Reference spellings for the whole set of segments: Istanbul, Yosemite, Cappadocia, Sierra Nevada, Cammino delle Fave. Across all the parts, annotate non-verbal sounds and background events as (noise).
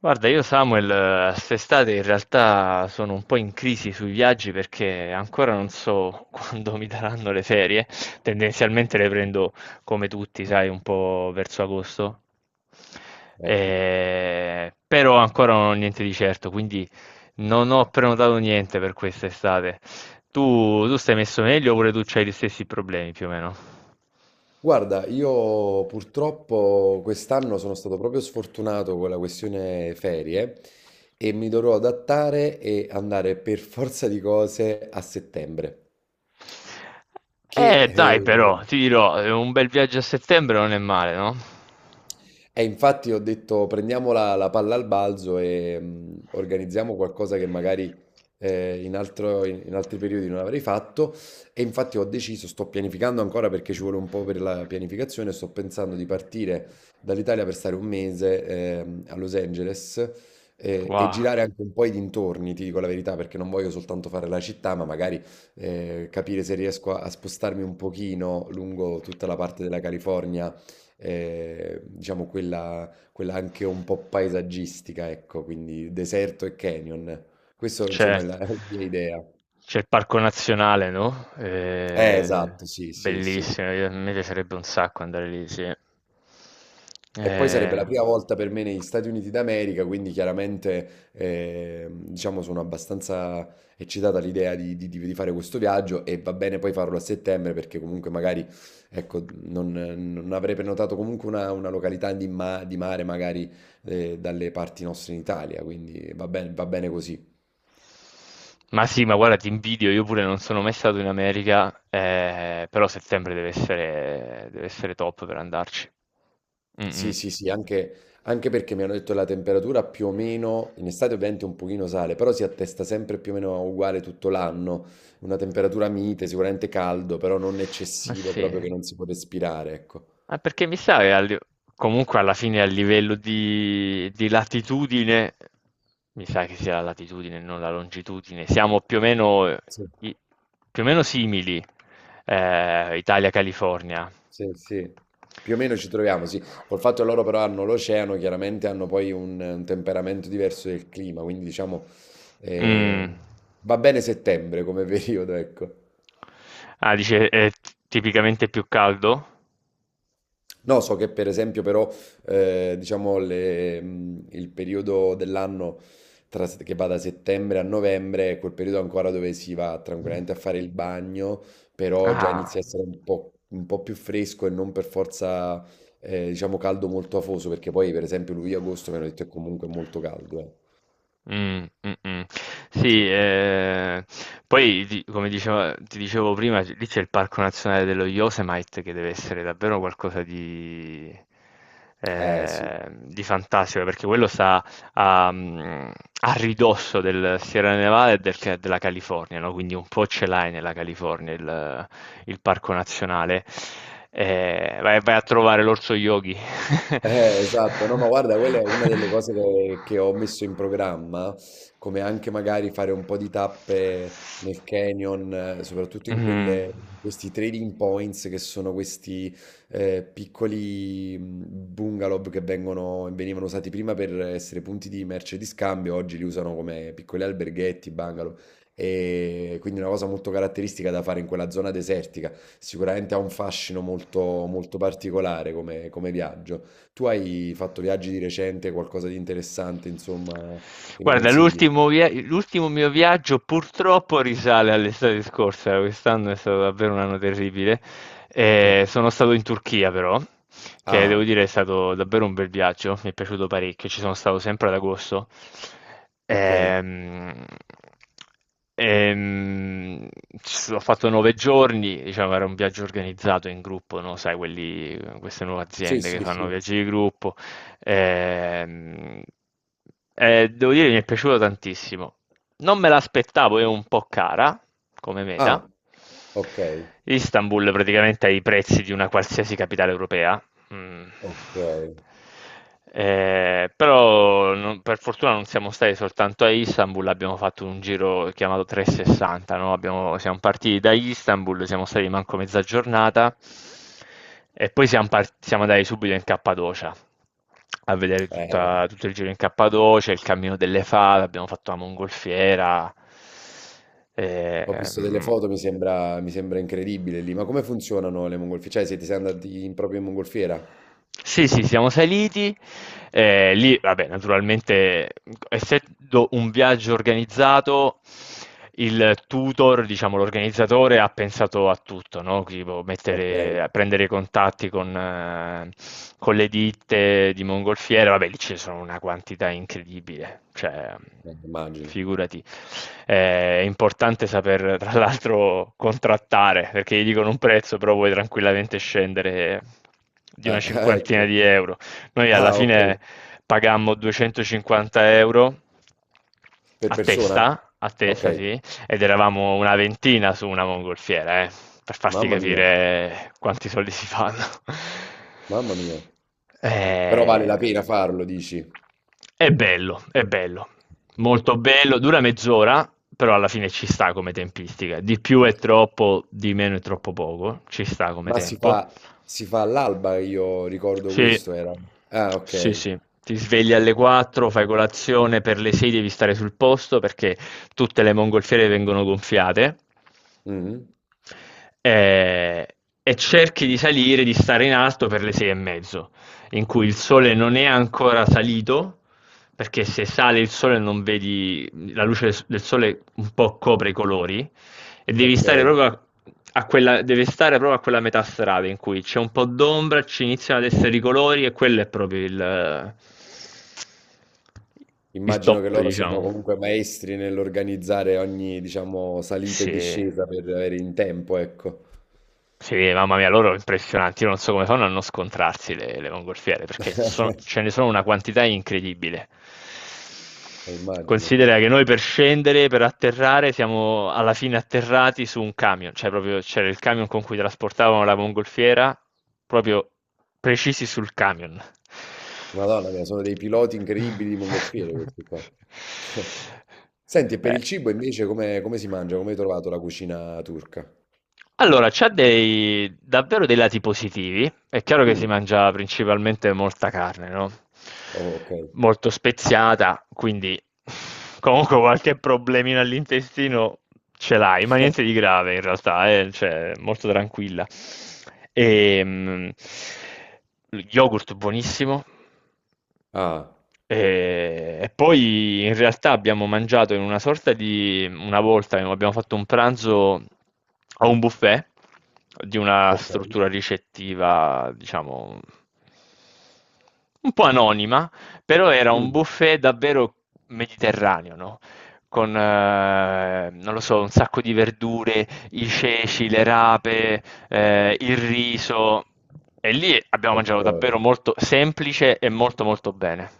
Guarda, io Samuel, quest'estate in realtà sono un po' in crisi sui viaggi perché ancora non so (laughs) quando mi daranno le ferie. Tendenzialmente le prendo come tutti, sai, un po' verso agosto. Ecco. Però ancora non ho niente di certo, quindi non ho prenotato niente per quest'estate. Tu stai messo meglio oppure tu hai gli stessi problemi più o meno? Guarda, io purtroppo quest'anno sono stato proprio sfortunato con la questione ferie e mi dovrò adattare e andare per forza di cose a settembre, che Dai, però, ti dirò, un bel viaggio a settembre non è male, no? e infatti ho detto prendiamo la palla al balzo e organizziamo qualcosa che magari in altri periodi non avrei fatto. E infatti ho deciso, sto pianificando ancora perché ci vuole un po' per la pianificazione, sto pensando di partire dall'Italia per stare un mese a Los Angeles, e Wow, girare anche un po' i dintorni, ti dico la verità, perché non voglio soltanto fare la città, ma magari capire se riesco a spostarmi un pochino lungo tutta la parte della California, diciamo quella anche un po' paesaggistica, ecco, quindi deserto e canyon. Questo insomma certo. È la mia idea. C'è il parco nazionale, no? Eh, Esatto, sì, sì, sì. bellissimo, a me piacerebbe un sacco andare lì, sì. E poi sarebbe Eh, la prima volta per me negli Stati Uniti d'America, quindi chiaramente, diciamo, sono abbastanza eccitata all'idea di fare questo viaggio e va bene poi farlo a settembre perché comunque magari ecco, non, non avrei prenotato comunque una località di mare magari dalle parti nostre in Italia, quindi va bene così. ma sì, ma guarda, ti invidio, io pure non sono mai stato in America, però settembre deve essere top per andarci. Mm, mm. Sì, sì, sì, anche, anche perché mi hanno detto la temperatura più o meno, in estate ovviamente un pochino sale, però si attesta sempre più o meno uguale tutto l'anno, una temperatura mite, sicuramente caldo, però non Ma eccessivo, sì. proprio che non si può respirare, ecco. Ah, perché mi sa che comunque alla fine a livello di latitudine, mi sa che sia la latitudine, non la longitudine, siamo più o meno, Sì, i- più o meno simili, Italia-California. sì, sì. Più o meno ci troviamo, sì. Col fatto che loro però hanno l'oceano, chiaramente hanno poi un temperamento diverso del clima, quindi diciamo eh, Mm. va bene settembre come (laughs) periodo, ecco. Ah, dice è tipicamente più caldo? No, so che per esempio però, diciamo, il periodo dell'anno che va da settembre a novembre è quel periodo ancora dove si va tranquillamente a fare il bagno, però già Ah. inizia a essere un po' più fresco e non per forza, diciamo, caldo molto afoso, perché poi per esempio luglio-agosto, mi hanno detto, è comunque molto caldo. Mm, mm, mm. sì, Sì, poi di- come dicevo- ti dicevo prima, lì c'è il Parco Nazionale dello Yosemite che deve essere davvero qualcosa di, Eh, sì. di fantastico, perché quello sta a, mm, a ridosso del Sierra Nevada e della California, no? Quindi un po' ce l'hai nella California il parco nazionale. Vai, vai a trovare l'orso yogi. Esatto, no, ma guarda, quella è una delle (laughs) cose che ho messo in programma, come anche magari fare un po' di tappe nel canyon, soprattutto in Mhm. quelle, questi trading points che sono questi piccoli bungalow venivano usati prima per essere punti di merce di scambio, oggi li usano come piccoli alberghetti, bungalow, e quindi una cosa molto caratteristica da fare in quella zona desertica, sicuramente ha un fascino molto, molto particolare come viaggio. Tu hai fatto viaggi di recente, qualcosa di interessante, insomma, che mi Guarda, consigli? L'ultimo mio viaggio purtroppo risale all'estate scorsa, quest'anno è stato davvero un anno terribile. Eh. Sono stato in Turchia però, che devo Ah, dire è stato davvero un bel viaggio, mi è piaciuto parecchio, ci sono stato sempre ad agosto. ok. Ehm, ehm, ho fatto 9 giorni, diciamo era un viaggio organizzato in gruppo, no? Sai, quelli, queste nuove Sì, aziende che sì, fanno sì. viaggi di gruppo. Ehm, devo dire, che mi è piaciuto tantissimo. Non me l'aspettavo, è un po' cara come meta. Ah, ok, Istanbul praticamente ha i prezzi di una qualsiasi capitale europea. Mh. ok. Però, non per fortuna, non siamo stati soltanto a Istanbul, abbiamo fatto un giro chiamato 360, no, abbiamo siamo partiti da Istanbul, siamo stati manco mezza giornata e poi siamo andati subito in Cappadocia, a vedere Eh, tutta tutto il giro in Cappadocia, il Cammino delle Fave, abbiamo fatto la mongolfiera. ho visto delle Ehm foto, mi sembra incredibile lì. Ma come funzionano le mongolfiere? Cioè, siete andati proprio in mongolfiera? Sì, sì, siamo saliti. Lì vabbè, naturalmente, essendo un viaggio organizzato, il tutor, diciamo, l'organizzatore ha pensato a tutto, no? Tipo Ok, mettere, prendere contatti con le ditte di mongolfiere. Vabbè, lì ci sono una quantità incredibile. Cioè, immagino. figurati. È importante saper, tra l'altro, contrattare, perché gli dicono un prezzo, però puoi tranquillamente scendere di Eh, una (laughs) cinquantina ecco. di euro. Noi alla Ah, ok. fine pagammo 250 euro Per persona? A Ok. testa, sì, ed eravamo una ventina su una mongolfiera, per farti Mamma mia, capire quanti soldi si fanno. (laughs) mamma mia. Però vale Eh, la pena farlo, dici? è bello, è bello, molto bello, dura mezz'ora, però alla fine ci sta come tempistica. Di più è troppo, di meno è troppo poco, ci sta come Ma tempo. Si fa all'alba, io ricordo Sì, questo era. Ah, sì, ok. sì. Ti svegli alle 4, fai colazione, per le 6 devi stare sul posto perché tutte le mongolfiere vengono gonfiate. Mhm. e, e cerchi di salire, di stare in alto per le 6:30, in cui il sole non è ancora salito, perché se sale il sole non vedi, la luce del sole un po' copre i colori, e devi Ok. stare proprio a, a quella, deve stare proprio a quella metà strada in cui c'è un po' d'ombra, ci iniziano ad essere i colori e quello è proprio il Immagino che top, loro siano diciamo. comunque maestri nell'organizzare ogni, diciamo, salita e Sì. discesa per avere in tempo, ecco. Sì, mamma mia, loro impressionanti. Io non so come fanno a non scontrarsi le mongolfiere, perché (laughs) ce ne sono una quantità incredibile. Immagino. Considera che noi per scendere, per atterrare, siamo alla fine atterrati su un camion, cioè proprio c'era il camion con cui trasportavano la mongolfiera, proprio precisi sul camion. Madonna mia, sono dei piloti incredibili di mongolfiere (laughs) questi qua. (laughs) Senti, e per Eh. il cibo invece come, come si mangia? Come hai trovato la cucina turca? Allora, c'ha davvero dei lati positivi. È chiaro che si Mm. mangia principalmente molta carne, no? Oh, ok. Molto speziata, quindi comunque qualche problemino all'intestino ce l'hai, ma niente di (laughs) grave in realtà, cioè, molto tranquilla. E, yogurt buonissimo, Ah, e poi in realtà abbiamo mangiato in una sorta di... una volta abbiamo fatto un pranzo a un buffet di una ok. struttura ricettiva, diciamo, un po' anonima, però era un Mm. buffet davvero mediterraneo, no? Con, non lo so, un sacco di verdure, i ceci, le rape, il riso. E lì abbiamo mangiato Ok. davvero molto semplice e molto molto bene.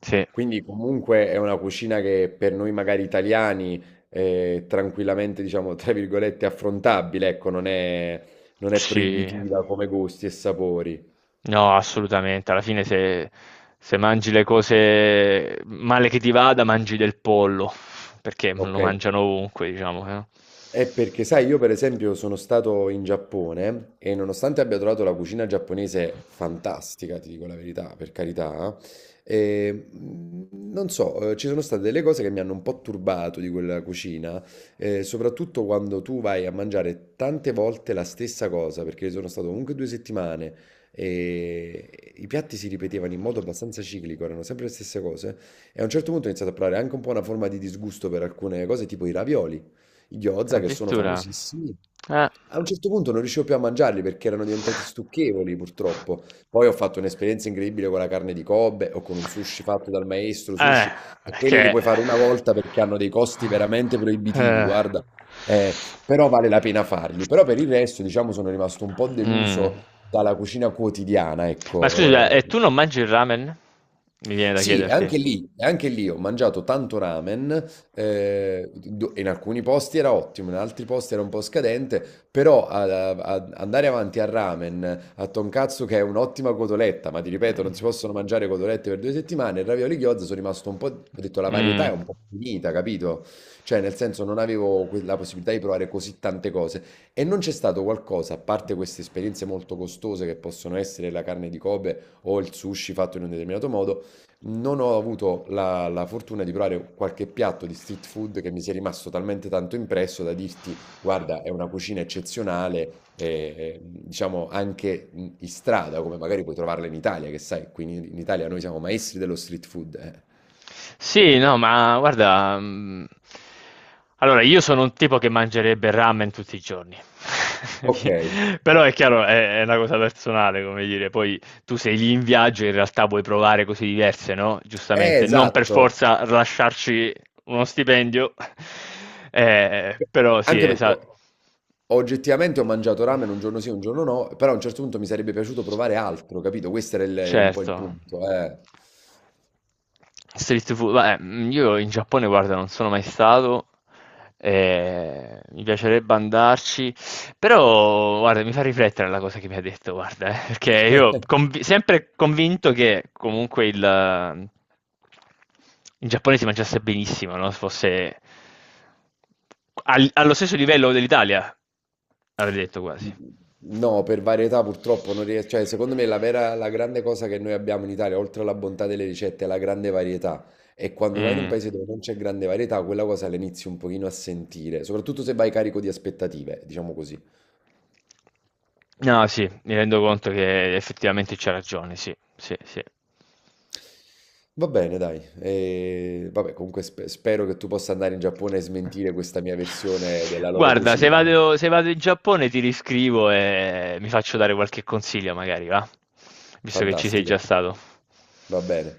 Sì, Quindi comunque è una cucina che per noi magari italiani è tranquillamente, diciamo, tra virgolette, affrontabile, ecco, non è, non è sì, proibitiva come gusti e sapori. no, assolutamente. Alla fine se mangi le cose male che ti vada, mangi del pollo, perché lo Ok, mangiano ovunque, diciamo. è perché, sai, io per esempio sono stato in Giappone e nonostante abbia trovato la cucina giapponese fantastica, ti dico la verità, per carità, non so, ci sono state delle cose che mi hanno un po' turbato di quella cucina, soprattutto quando tu vai a mangiare tante volte la stessa cosa, perché sono stato comunque 2 settimane e i piatti si ripetevano in modo abbastanza ciclico, erano sempre le stesse cose, e a un certo punto ho iniziato a provare anche un po' una forma di disgusto per alcune cose, tipo i ravioli i gyoza che sono Addirittura. famosissimi. Eh. A un certo punto non riuscivo più a mangiarli perché erano diventati stucchevoli, purtroppo. Poi ho fatto un'esperienza incredibile con la carne di Kobe o con un sushi fatto dal maestro Eh, sushi, e quelli li che... puoi fare una volta perché hanno dei costi veramente proibitivi, Eh. guarda. Eh, però vale la pena farli. Però per il resto, diciamo, sono rimasto un po' Mm. deluso dalla cucina quotidiana, Ma scusa, ecco. e Eh, tu non mangi il ramen? Mi viene da sì, chiederti. E anche lì ho mangiato tanto ramen, do in alcuni posti era ottimo, in altri posti era un po' scadente, però ad a andare avanti al ramen, a tonkatsu che è un'ottima cotoletta, ma ti ripeto Mm. non si possono mangiare cotolette per 2 settimane, e ravioli gyoza sono rimasto un po', ho detto la varietà è Mm. un po' finita, capito, cioè nel senso non avevo que la possibilità di provare così tante cose e non c'è stato qualcosa, a parte queste esperienze molto costose che possono essere la carne di Kobe o il sushi fatto in un determinato modo, non ho avuto la fortuna di provare qualche piatto di street food che mi sia rimasto talmente tanto impresso da dirti, guarda, è una cucina eccezionale, diciamo anche in strada, come magari puoi trovarla in Italia, che sai, qui in Italia noi siamo maestri dello street food. Eh. Sì, no, ma guarda, allora io sono un tipo che mangerebbe ramen tutti i giorni, Ok, (laughs) però è chiaro, è una cosa personale, come dire, poi tu sei lì in viaggio e in realtà vuoi provare cose diverse, no, giustamente, non per esatto. forza lasciarci uno stipendio, (laughs) però sì. Anche perché esa ho- Oggettivamente ho mangiato ramen un giorno sì, un giorno no, però a un certo punto mi sarebbe piaciuto provare altro, capito? Un po' il Certo. punto, eh. Street food, beh, io in Giappone, guarda, non sono mai stato, mi piacerebbe andarci, però, guarda, mi fa riflettere la cosa che mi ha detto, guarda, perché io sempre convinto che comunque in Giappone si mangiasse benissimo, no? Se fosse allo stesso livello dell'Italia, avrei detto quasi. No, per varietà purtroppo non riesco, cioè secondo me la grande cosa che noi abbiamo in Italia, oltre alla bontà delle ricette, è la grande varietà. E quando vai in un Mm. paese dove non c'è grande varietà, quella cosa la inizi un pochino a sentire, soprattutto se vai carico di aspettative, diciamo così. No, sì, mi rendo conto che effettivamente c'ha ragione, sì, sì, sì. Va bene, dai. E, vabbè, comunque spero che tu possa andare in Giappone e smentire questa mia versione della loro Guarda, cucina. Se vado in Giappone ti riscrivo e mi faccio dare qualche consiglio, magari, va? Visto che ci sei già Fantastico, stato. va bene.